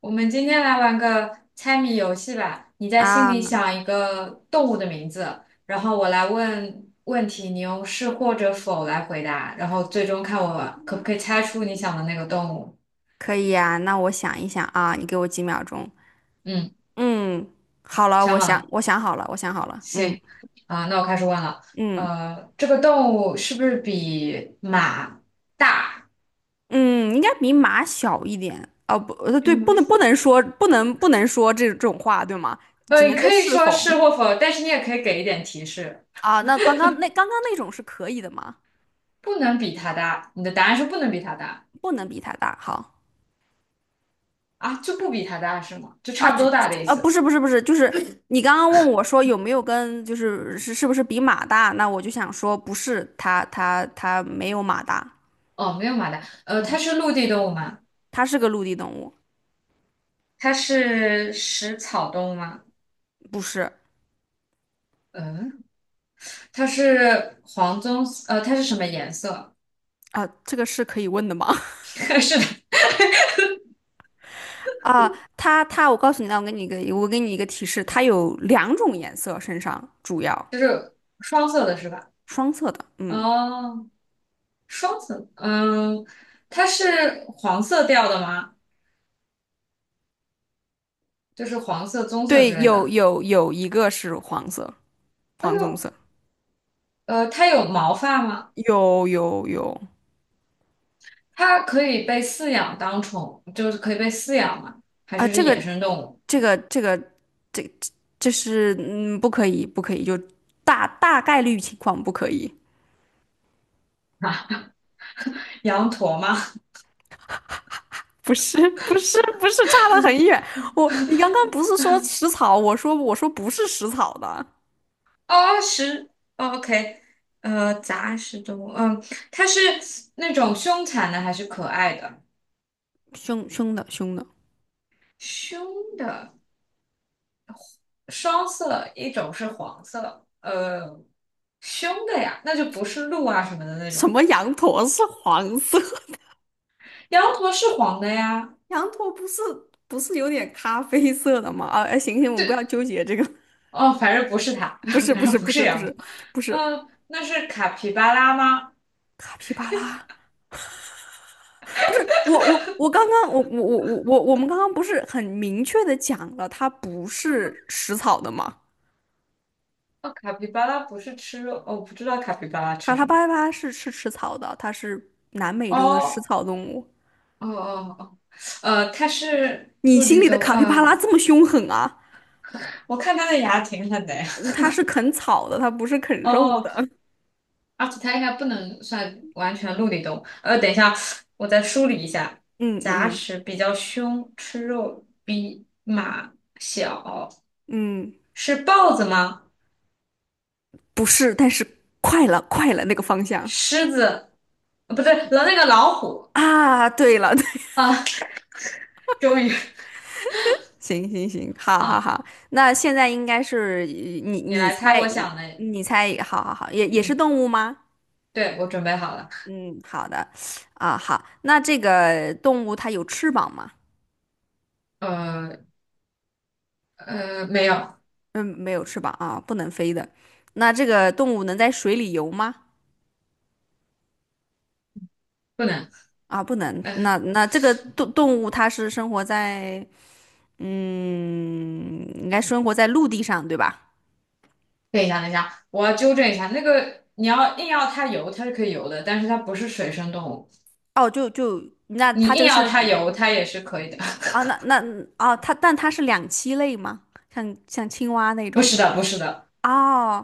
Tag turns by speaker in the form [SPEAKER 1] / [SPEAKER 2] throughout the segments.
[SPEAKER 1] 我们今天来玩个猜谜游戏吧。你在心里
[SPEAKER 2] 啊，
[SPEAKER 1] 想一个动物的名字，然后我来问问题，你用是或者否来回答，然后最终看我可不可以猜出你想的那个动物。
[SPEAKER 2] 可以呀，那我想一想啊，你给我几秒钟。
[SPEAKER 1] 嗯，
[SPEAKER 2] 嗯，好了，
[SPEAKER 1] 想好了，
[SPEAKER 2] 我想好了，我想好了。嗯
[SPEAKER 1] 行。啊，那我开始问了。
[SPEAKER 2] 嗯
[SPEAKER 1] 这个动物是不是比马大？
[SPEAKER 2] 嗯，应该比马小一点。哦，不，
[SPEAKER 1] 比
[SPEAKER 2] 对，
[SPEAKER 1] 马小？
[SPEAKER 2] 不能说这种话，对吗？只
[SPEAKER 1] 你
[SPEAKER 2] 能说
[SPEAKER 1] 可以
[SPEAKER 2] 是
[SPEAKER 1] 说
[SPEAKER 2] 否
[SPEAKER 1] 是或否，但是你也可以给一点提示，
[SPEAKER 2] 啊？那刚刚那种是可以的吗？
[SPEAKER 1] 不能比它大。你的答案是不能比它大。
[SPEAKER 2] 不能比它大。好，
[SPEAKER 1] 啊，就不比它大是吗？就差不多大的意
[SPEAKER 2] 不
[SPEAKER 1] 思。
[SPEAKER 2] 是不是不是，就是你刚刚问我说有没有跟，就是是不是比马大？那我就想说不是，它没有马大。
[SPEAKER 1] 哦，没有马达，
[SPEAKER 2] 嗯，
[SPEAKER 1] 它是陆地动物吗？
[SPEAKER 2] 它是个陆地动物。
[SPEAKER 1] 它是食草动物吗？
[SPEAKER 2] 不是
[SPEAKER 1] 嗯，它是什么颜色？
[SPEAKER 2] 啊，这个是可以问的吗？
[SPEAKER 1] 是的，
[SPEAKER 2] 啊，我告诉你，那我给你一个，我给你一个提示，它有两种颜色，身上主要
[SPEAKER 1] 就是双色的是吧？
[SPEAKER 2] 双色的，嗯，
[SPEAKER 1] 哦，双色，嗯，它是黄色调的吗？就是黄色、棕色之
[SPEAKER 2] 对，
[SPEAKER 1] 类
[SPEAKER 2] 有
[SPEAKER 1] 的。
[SPEAKER 2] 有有一个是黄色，
[SPEAKER 1] 哎
[SPEAKER 2] 黄棕
[SPEAKER 1] 呦，
[SPEAKER 2] 色，
[SPEAKER 1] 它有毛发吗？
[SPEAKER 2] 有
[SPEAKER 1] 它可以被饲养当宠，就是可以被饲养吗？还
[SPEAKER 2] 啊，
[SPEAKER 1] 是是野生动物？
[SPEAKER 2] 这个这个这这是不可以，就大大概率情况不可以，
[SPEAKER 1] 啊，羊驼吗？
[SPEAKER 2] 不是，差得很远，我你刚刚不是说食草，我说不是食草的。
[SPEAKER 1] 哦，食哦，OK，杂食动物，嗯，它是那种凶残的还是可爱的？
[SPEAKER 2] 凶的，
[SPEAKER 1] 凶的，双色，一种是黄色，凶的呀，那就不是鹿啊什么的那
[SPEAKER 2] 什
[SPEAKER 1] 种。
[SPEAKER 2] 么羊驼是黄色？
[SPEAKER 1] 羊驼是黄的呀，
[SPEAKER 2] 羊驼不是不是有点咖啡色的吗？啊，哎，行，我们不
[SPEAKER 1] 对，
[SPEAKER 2] 要纠结这个，
[SPEAKER 1] 哦，反正不是它，
[SPEAKER 2] 不 是
[SPEAKER 1] 反
[SPEAKER 2] 不
[SPEAKER 1] 正
[SPEAKER 2] 是
[SPEAKER 1] 不
[SPEAKER 2] 不
[SPEAKER 1] 是
[SPEAKER 2] 是不
[SPEAKER 1] 羊驼，
[SPEAKER 2] 是不是
[SPEAKER 1] 嗯，那是卡皮巴拉吗？
[SPEAKER 2] 卡皮巴拉，不是我我我刚刚我我我我我我们刚刚不是很明确的讲了，它不是食草的吗？
[SPEAKER 1] 哦，卡皮巴拉不是吃肉，哦，我不知道卡皮巴拉
[SPEAKER 2] 卡
[SPEAKER 1] 吃
[SPEAKER 2] 拉
[SPEAKER 1] 什么。
[SPEAKER 2] 巴拉是吃草的，它是南美洲的食
[SPEAKER 1] 哦，
[SPEAKER 2] 草动物。
[SPEAKER 1] 哦哦哦，它是
[SPEAKER 2] 你
[SPEAKER 1] 陆
[SPEAKER 2] 心
[SPEAKER 1] 地
[SPEAKER 2] 里的
[SPEAKER 1] 动物，
[SPEAKER 2] 卡皮巴拉这么凶狠啊？
[SPEAKER 1] 我看它的牙挺狠的呀。
[SPEAKER 2] 嗯，它是啃草的，它不是啃肉
[SPEAKER 1] 哦，
[SPEAKER 2] 的。
[SPEAKER 1] 而且它应该不能算完全陆地动物。等一下，我再梳理一下。
[SPEAKER 2] 嗯嗯
[SPEAKER 1] 杂
[SPEAKER 2] 嗯。
[SPEAKER 1] 食比较凶，吃肉比马小，
[SPEAKER 2] 嗯，
[SPEAKER 1] 是豹子吗？
[SPEAKER 2] 不是，但是快了，快了那个方向。
[SPEAKER 1] 狮子？呃，不对，了那个老虎
[SPEAKER 2] 啊！对了，对，
[SPEAKER 1] 啊！终于，
[SPEAKER 2] 行行行好好
[SPEAKER 1] 好，
[SPEAKER 2] 好，那现在应该是你
[SPEAKER 1] 你
[SPEAKER 2] 你
[SPEAKER 1] 来猜
[SPEAKER 2] 猜，
[SPEAKER 1] 我想的。
[SPEAKER 2] 你猜，好好好，也是
[SPEAKER 1] 嗯，
[SPEAKER 2] 动物吗？
[SPEAKER 1] 对，我准备好了。
[SPEAKER 2] 嗯，好的，啊好，那这个动物它有翅膀吗？
[SPEAKER 1] 呃没有，
[SPEAKER 2] 嗯，没有翅膀啊，不能飞的。那这个动物能在水里游吗？
[SPEAKER 1] 不能。
[SPEAKER 2] 啊，不能。
[SPEAKER 1] 呃，
[SPEAKER 2] 那这个动物它是生活在，嗯，应该生活在陆地上，对吧？
[SPEAKER 1] 等一下，等一下，我要纠正一下。那个你要硬要它游，它是可以游的，但是它不是水生动物。
[SPEAKER 2] 哦，就就那
[SPEAKER 1] 你
[SPEAKER 2] 它这
[SPEAKER 1] 硬
[SPEAKER 2] 个
[SPEAKER 1] 要
[SPEAKER 2] 是
[SPEAKER 1] 它油，它也是可以的。
[SPEAKER 2] 啊，哦，它但它是两栖类吗？像青蛙那
[SPEAKER 1] 不
[SPEAKER 2] 种？
[SPEAKER 1] 是的，不是的，
[SPEAKER 2] 哦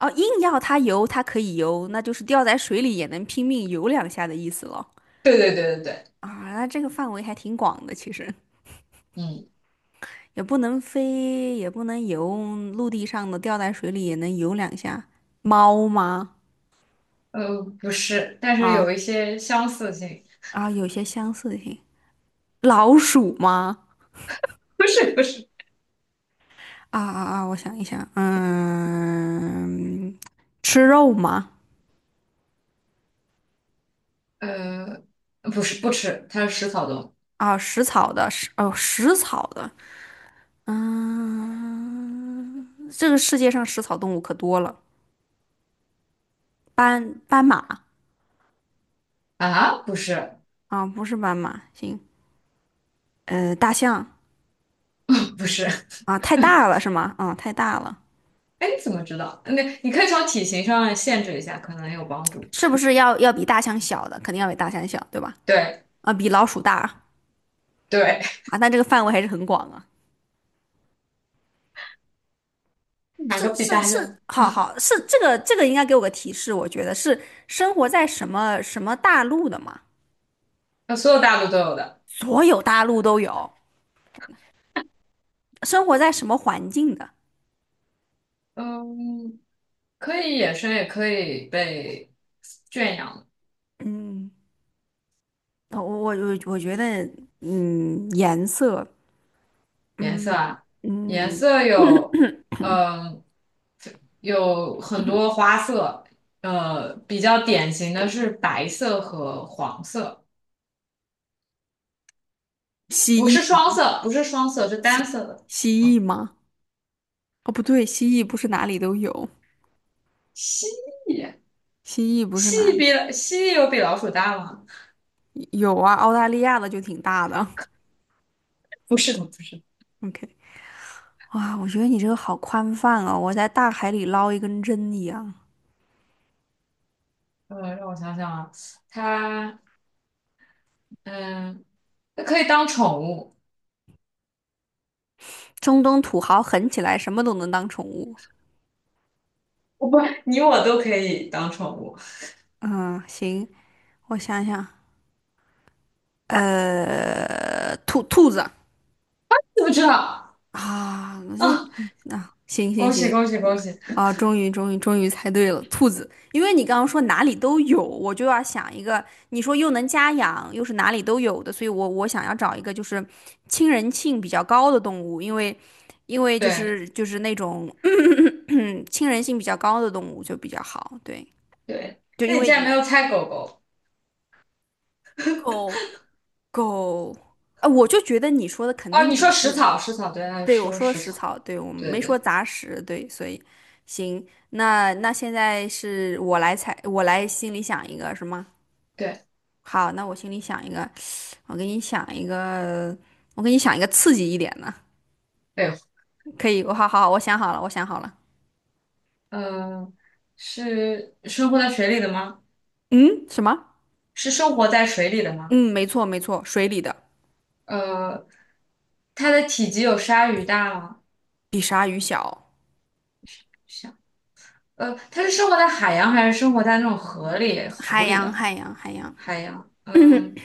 [SPEAKER 2] 哦，硬要它游，它可以游，那就是掉在水里也能拼命游两下的意思了。
[SPEAKER 1] 对，
[SPEAKER 2] 啊，那这个范围还挺广的，其实
[SPEAKER 1] 嗯，
[SPEAKER 2] 也不能飞，也不能游，陆地上的掉在水里也能游两下。猫吗？
[SPEAKER 1] 呃，不是，但是
[SPEAKER 2] 啊
[SPEAKER 1] 有一些相似性，
[SPEAKER 2] 有些相似性。老鼠吗？
[SPEAKER 1] 不是，
[SPEAKER 2] 我想一想，嗯，吃肉吗？
[SPEAKER 1] 呃，不吃，它是食草动
[SPEAKER 2] 啊，食草的，食草的，这个世界上食草动物可多了，斑马。
[SPEAKER 1] 啊，不是
[SPEAKER 2] 啊，不是斑马，行，呃，大象。
[SPEAKER 1] 不是，
[SPEAKER 2] 啊，太大了是吗？啊，太大了，
[SPEAKER 1] 哎，你怎么知道？那你可以从体型上限制一下，可能有帮助。
[SPEAKER 2] 是不是要比大象小的？肯定要比大象小，对吧？
[SPEAKER 1] 对
[SPEAKER 2] 啊，比老鼠大。
[SPEAKER 1] 对，
[SPEAKER 2] 啊，但这个范围还是很广啊。
[SPEAKER 1] 哪个
[SPEAKER 2] 是
[SPEAKER 1] 比
[SPEAKER 2] 是
[SPEAKER 1] 大象？
[SPEAKER 2] 是，好是这个，这个应该给我个提示，我觉得是生活在什么什么大陆的嘛？
[SPEAKER 1] 所有大陆都有的，
[SPEAKER 2] 所有大陆都有，生活在什么环境的？
[SPEAKER 1] 嗯，可以野生，也可以被圈养。
[SPEAKER 2] 嗯，我觉得，嗯，颜色，
[SPEAKER 1] 颜色
[SPEAKER 2] 嗯。
[SPEAKER 1] 啊，颜
[SPEAKER 2] 嗯，
[SPEAKER 1] 色有，嗯、有很多花色，比较典型的是白色和黄色，
[SPEAKER 2] 蜥蜴吗？
[SPEAKER 1] 不是双色，是单
[SPEAKER 2] 蜥
[SPEAKER 1] 色的。
[SPEAKER 2] 蜥蜴吗？哦，不对，蜥蜴不是哪里都有，
[SPEAKER 1] 蜥蜴，
[SPEAKER 2] 蜥蜴不是
[SPEAKER 1] 蜥
[SPEAKER 2] 哪
[SPEAKER 1] 蜴
[SPEAKER 2] 里
[SPEAKER 1] 比蜥蜴有比老鼠大吗？
[SPEAKER 2] 有啊，澳大利亚的就挺大的。
[SPEAKER 1] 不是的，不是。
[SPEAKER 2] OK,哇，我觉得你这个好宽泛哦，我在大海里捞一根针一样。
[SPEAKER 1] 让我想想啊，它，嗯，它可以当宠物，
[SPEAKER 2] 中东土豪狠起来，什么都能当宠物。
[SPEAKER 1] 哦不，你我都可以当宠物，
[SPEAKER 2] 嗯，行，我想想，呃，兔子。
[SPEAKER 1] 知不知道？
[SPEAKER 2] 啊，那这
[SPEAKER 1] 啊，
[SPEAKER 2] 啊，行行
[SPEAKER 1] 恭喜
[SPEAKER 2] 行。
[SPEAKER 1] 恭喜恭喜！
[SPEAKER 2] 啊，终于，终于，终于猜对了，兔子。因为你刚刚说哪里都有，我就要想一个，你说又能家养，又是哪里都有的，所以我想要找一个就是亲人性比较高的动物，因为就
[SPEAKER 1] 对
[SPEAKER 2] 是就是那种 亲人性比较高的动物就比较好，对，
[SPEAKER 1] 对，
[SPEAKER 2] 就
[SPEAKER 1] 那
[SPEAKER 2] 因
[SPEAKER 1] 你
[SPEAKER 2] 为
[SPEAKER 1] 竟然没
[SPEAKER 2] 你
[SPEAKER 1] 有猜狗狗。
[SPEAKER 2] 狗狗，啊，我就觉得你说的肯
[SPEAKER 1] 哦，
[SPEAKER 2] 定
[SPEAKER 1] 你
[SPEAKER 2] 不
[SPEAKER 1] 说
[SPEAKER 2] 不
[SPEAKER 1] 食
[SPEAKER 2] 是。
[SPEAKER 1] 草，食草，对，他
[SPEAKER 2] 对，我
[SPEAKER 1] 说
[SPEAKER 2] 说的
[SPEAKER 1] 食
[SPEAKER 2] 食
[SPEAKER 1] 草，
[SPEAKER 2] 草，对，我
[SPEAKER 1] 对
[SPEAKER 2] 没说
[SPEAKER 1] 对
[SPEAKER 2] 杂食，对，所以行，那现在是我来猜，我来心里想一个，是吗？
[SPEAKER 1] 对
[SPEAKER 2] 好，那我心里想一个，我给你想一个，我给你想一个刺激一点的，
[SPEAKER 1] 对，
[SPEAKER 2] 可以，我好好好，我想好了，我想好了，
[SPEAKER 1] 呃，是生活在水里的吗？
[SPEAKER 2] 嗯，什么？
[SPEAKER 1] 是生活在水里的吗？
[SPEAKER 2] 嗯，没错没错，水里的，
[SPEAKER 1] 呃，它的体积有鲨鱼大吗？
[SPEAKER 2] 比鲨鱼小，
[SPEAKER 1] 想，它是生活在海洋还是生活在那种河里、湖里的
[SPEAKER 2] 海洋，
[SPEAKER 1] 海洋？嗯，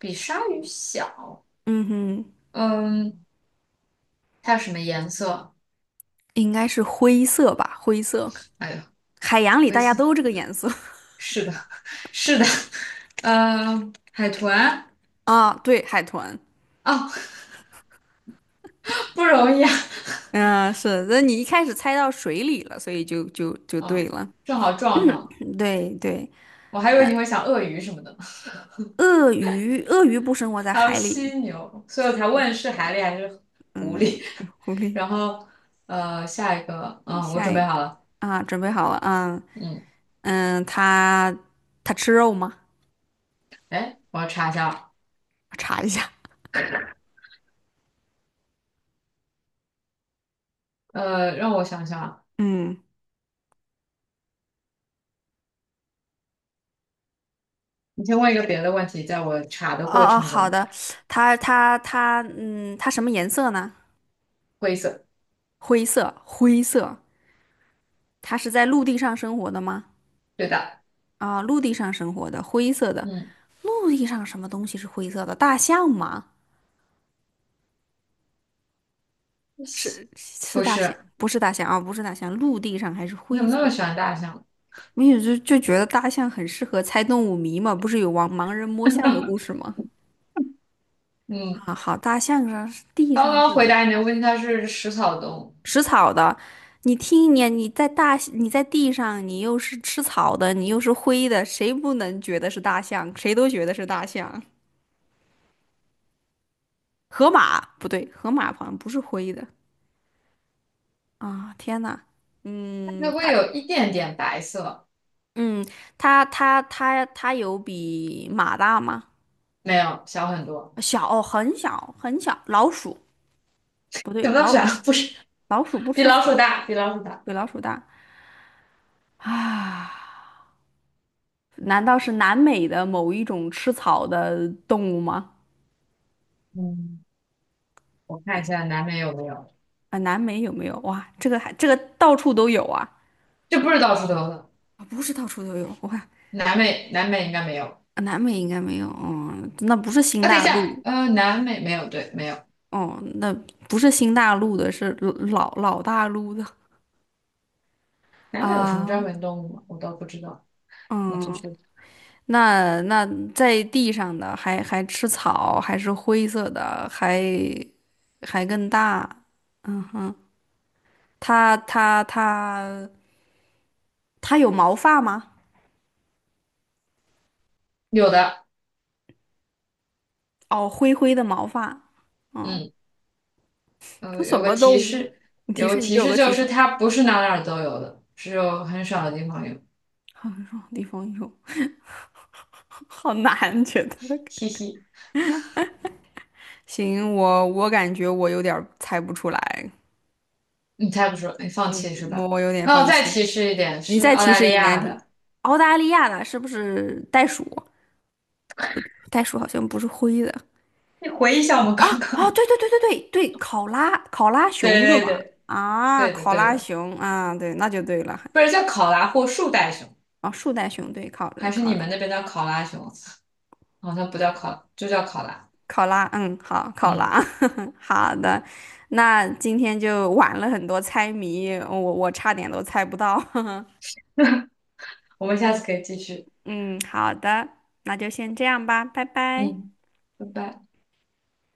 [SPEAKER 1] 比鲨鱼小。
[SPEAKER 2] 嗯哼，
[SPEAKER 1] 嗯，它有什么颜色？
[SPEAKER 2] 应该是灰色吧，灰色，
[SPEAKER 1] 哎呦，
[SPEAKER 2] 海洋里
[SPEAKER 1] 灰
[SPEAKER 2] 大家
[SPEAKER 1] 色。
[SPEAKER 2] 都这个颜色。
[SPEAKER 1] 是的，是的，海豚。
[SPEAKER 2] 啊，对，海豚。
[SPEAKER 1] 哦，不容易啊，
[SPEAKER 2] 嗯，是，那你一开始猜到水里了，所以就对
[SPEAKER 1] 嗯，
[SPEAKER 2] 了。
[SPEAKER 1] 正好撞上了。
[SPEAKER 2] 对对，
[SPEAKER 1] 我还以为你会想鳄鱼什么的，
[SPEAKER 2] 鳄鱼，鳄鱼不生活在
[SPEAKER 1] 还有
[SPEAKER 2] 海里。
[SPEAKER 1] 犀牛，所以我才问是海狸还是狐
[SPEAKER 2] 嗯，
[SPEAKER 1] 狸。
[SPEAKER 2] 狐 狸，
[SPEAKER 1] 然后，下一个，嗯，我
[SPEAKER 2] 下
[SPEAKER 1] 准
[SPEAKER 2] 一
[SPEAKER 1] 备
[SPEAKER 2] 个
[SPEAKER 1] 好了，
[SPEAKER 2] 啊，准备好了啊，
[SPEAKER 1] 嗯，
[SPEAKER 2] 嗯，它吃肉吗？
[SPEAKER 1] 哎，我要查一下啊，
[SPEAKER 2] 我查一下。
[SPEAKER 1] 让我想想啊，
[SPEAKER 2] 嗯，
[SPEAKER 1] 你先问一个别的问题，在我查的过
[SPEAKER 2] 哦哦，
[SPEAKER 1] 程
[SPEAKER 2] 好
[SPEAKER 1] 中，
[SPEAKER 2] 的，它它它，嗯，它什么颜色呢？
[SPEAKER 1] 灰色，
[SPEAKER 2] 灰色，灰色。它是在陆地上生活的吗？
[SPEAKER 1] 对的，
[SPEAKER 2] 啊，陆地上生活的，灰色的。
[SPEAKER 1] 嗯，
[SPEAKER 2] 陆地上什么东西是灰色的？大象吗？是是
[SPEAKER 1] 不
[SPEAKER 2] 大象，
[SPEAKER 1] 是，
[SPEAKER 2] 不是大象啊，不是大象，陆地上还是
[SPEAKER 1] 你怎
[SPEAKER 2] 灰
[SPEAKER 1] 么
[SPEAKER 2] 色
[SPEAKER 1] 那么
[SPEAKER 2] 的。
[SPEAKER 1] 喜欢大象？
[SPEAKER 2] 没有，觉得大象很适合猜动物谜嘛，不是有盲人摸象的故事吗？
[SPEAKER 1] 嗯，
[SPEAKER 2] 啊，好，大象上是地
[SPEAKER 1] 刚
[SPEAKER 2] 上
[SPEAKER 1] 刚回
[SPEAKER 2] 是
[SPEAKER 1] 答你的问题，它是食草动物，
[SPEAKER 2] 食草的，你听一年你在大你在地上，你又是吃草的，你又是灰的，谁不能觉得是大象？谁都觉得是大象。河马不对，河马好像不是灰的。啊！天呐，
[SPEAKER 1] 它
[SPEAKER 2] 嗯，
[SPEAKER 1] 会有一点点白色，
[SPEAKER 2] 嗯它有比马大吗？
[SPEAKER 1] 没有，小很多，
[SPEAKER 2] 小，哦很小很小，老鼠不
[SPEAKER 1] 怎
[SPEAKER 2] 对，
[SPEAKER 1] 么那么喜欢？不是，
[SPEAKER 2] 老鼠不
[SPEAKER 1] 比
[SPEAKER 2] 吃
[SPEAKER 1] 老鼠
[SPEAKER 2] 草，
[SPEAKER 1] 大，比老鼠大，
[SPEAKER 2] 比老鼠大。啊？难道是南美的某一种吃草的动物吗？
[SPEAKER 1] 嗯。我看一下南美有没有，
[SPEAKER 2] 啊，南美有没有？哇，这个还这个到处都有啊！
[SPEAKER 1] 这不是到处都有的。
[SPEAKER 2] 啊，不是到处都有，我看
[SPEAKER 1] 南美，南美应该没有。
[SPEAKER 2] 啊，南美应该没有，嗯，那不是新
[SPEAKER 1] 啊，等一
[SPEAKER 2] 大
[SPEAKER 1] 下，
[SPEAKER 2] 陆，
[SPEAKER 1] 南美没有，对，没有。
[SPEAKER 2] 哦，那不是新大陆的，是老大陆的
[SPEAKER 1] 南美有什么专
[SPEAKER 2] 啊，
[SPEAKER 1] 门动物吗？我倒不知道。你继
[SPEAKER 2] 嗯。
[SPEAKER 1] 续。
[SPEAKER 2] 那在地上的还吃草，还是灰色的，还更大。嗯哼，它它它它有毛发吗？
[SPEAKER 1] 有的，
[SPEAKER 2] 哦，灰灰的毛发。
[SPEAKER 1] 嗯，
[SPEAKER 2] 这什
[SPEAKER 1] 有个
[SPEAKER 2] 么
[SPEAKER 1] 提
[SPEAKER 2] 动物？
[SPEAKER 1] 示，
[SPEAKER 2] 你提
[SPEAKER 1] 有个
[SPEAKER 2] 示，你
[SPEAKER 1] 提
[SPEAKER 2] 给我
[SPEAKER 1] 示
[SPEAKER 2] 个提
[SPEAKER 1] 就是
[SPEAKER 2] 示。
[SPEAKER 1] 它不是哪儿都有的，只有很少的地方有。
[SPEAKER 2] 好种地方有。好难，觉得。
[SPEAKER 1] 嘻嘻，
[SPEAKER 2] 行，我我感觉我有点儿猜不出来。
[SPEAKER 1] 你猜不出，你放
[SPEAKER 2] 嗯，
[SPEAKER 1] 弃是
[SPEAKER 2] 我
[SPEAKER 1] 吧？
[SPEAKER 2] 我有点
[SPEAKER 1] 那我
[SPEAKER 2] 放
[SPEAKER 1] 再
[SPEAKER 2] 弃。
[SPEAKER 1] 提示一点，
[SPEAKER 2] 你
[SPEAKER 1] 是
[SPEAKER 2] 再
[SPEAKER 1] 澳
[SPEAKER 2] 提
[SPEAKER 1] 大
[SPEAKER 2] 示
[SPEAKER 1] 利
[SPEAKER 2] 一难
[SPEAKER 1] 亚
[SPEAKER 2] 题。
[SPEAKER 1] 的。
[SPEAKER 2] 澳大利亚的是不是袋鼠？袋鼠好像不是灰的，
[SPEAKER 1] 你回忆一下我们
[SPEAKER 2] 啊
[SPEAKER 1] 刚刚
[SPEAKER 2] 啊，
[SPEAKER 1] 的，
[SPEAKER 2] 对对，考拉熊对
[SPEAKER 1] 对对
[SPEAKER 2] 吗？
[SPEAKER 1] 对，
[SPEAKER 2] 啊，
[SPEAKER 1] 对的
[SPEAKER 2] 考
[SPEAKER 1] 对
[SPEAKER 2] 拉
[SPEAKER 1] 的，
[SPEAKER 2] 熊啊，对，那就对了。
[SPEAKER 1] 不是叫考拉或树袋熊，
[SPEAKER 2] 啊，树袋熊对，
[SPEAKER 1] 还是
[SPEAKER 2] 考
[SPEAKER 1] 你
[SPEAKER 2] 拉
[SPEAKER 1] 们那边叫考拉熊？好像不叫考，就叫考拉。
[SPEAKER 2] 考拉，嗯，好，考
[SPEAKER 1] 嗯，
[SPEAKER 2] 拉，好的。那今天就玩了很多猜谜，我我差点都猜不到。
[SPEAKER 1] 我们下次可以继续。
[SPEAKER 2] 嗯，好的，那就先这样吧，拜拜。
[SPEAKER 1] 嗯，拜拜。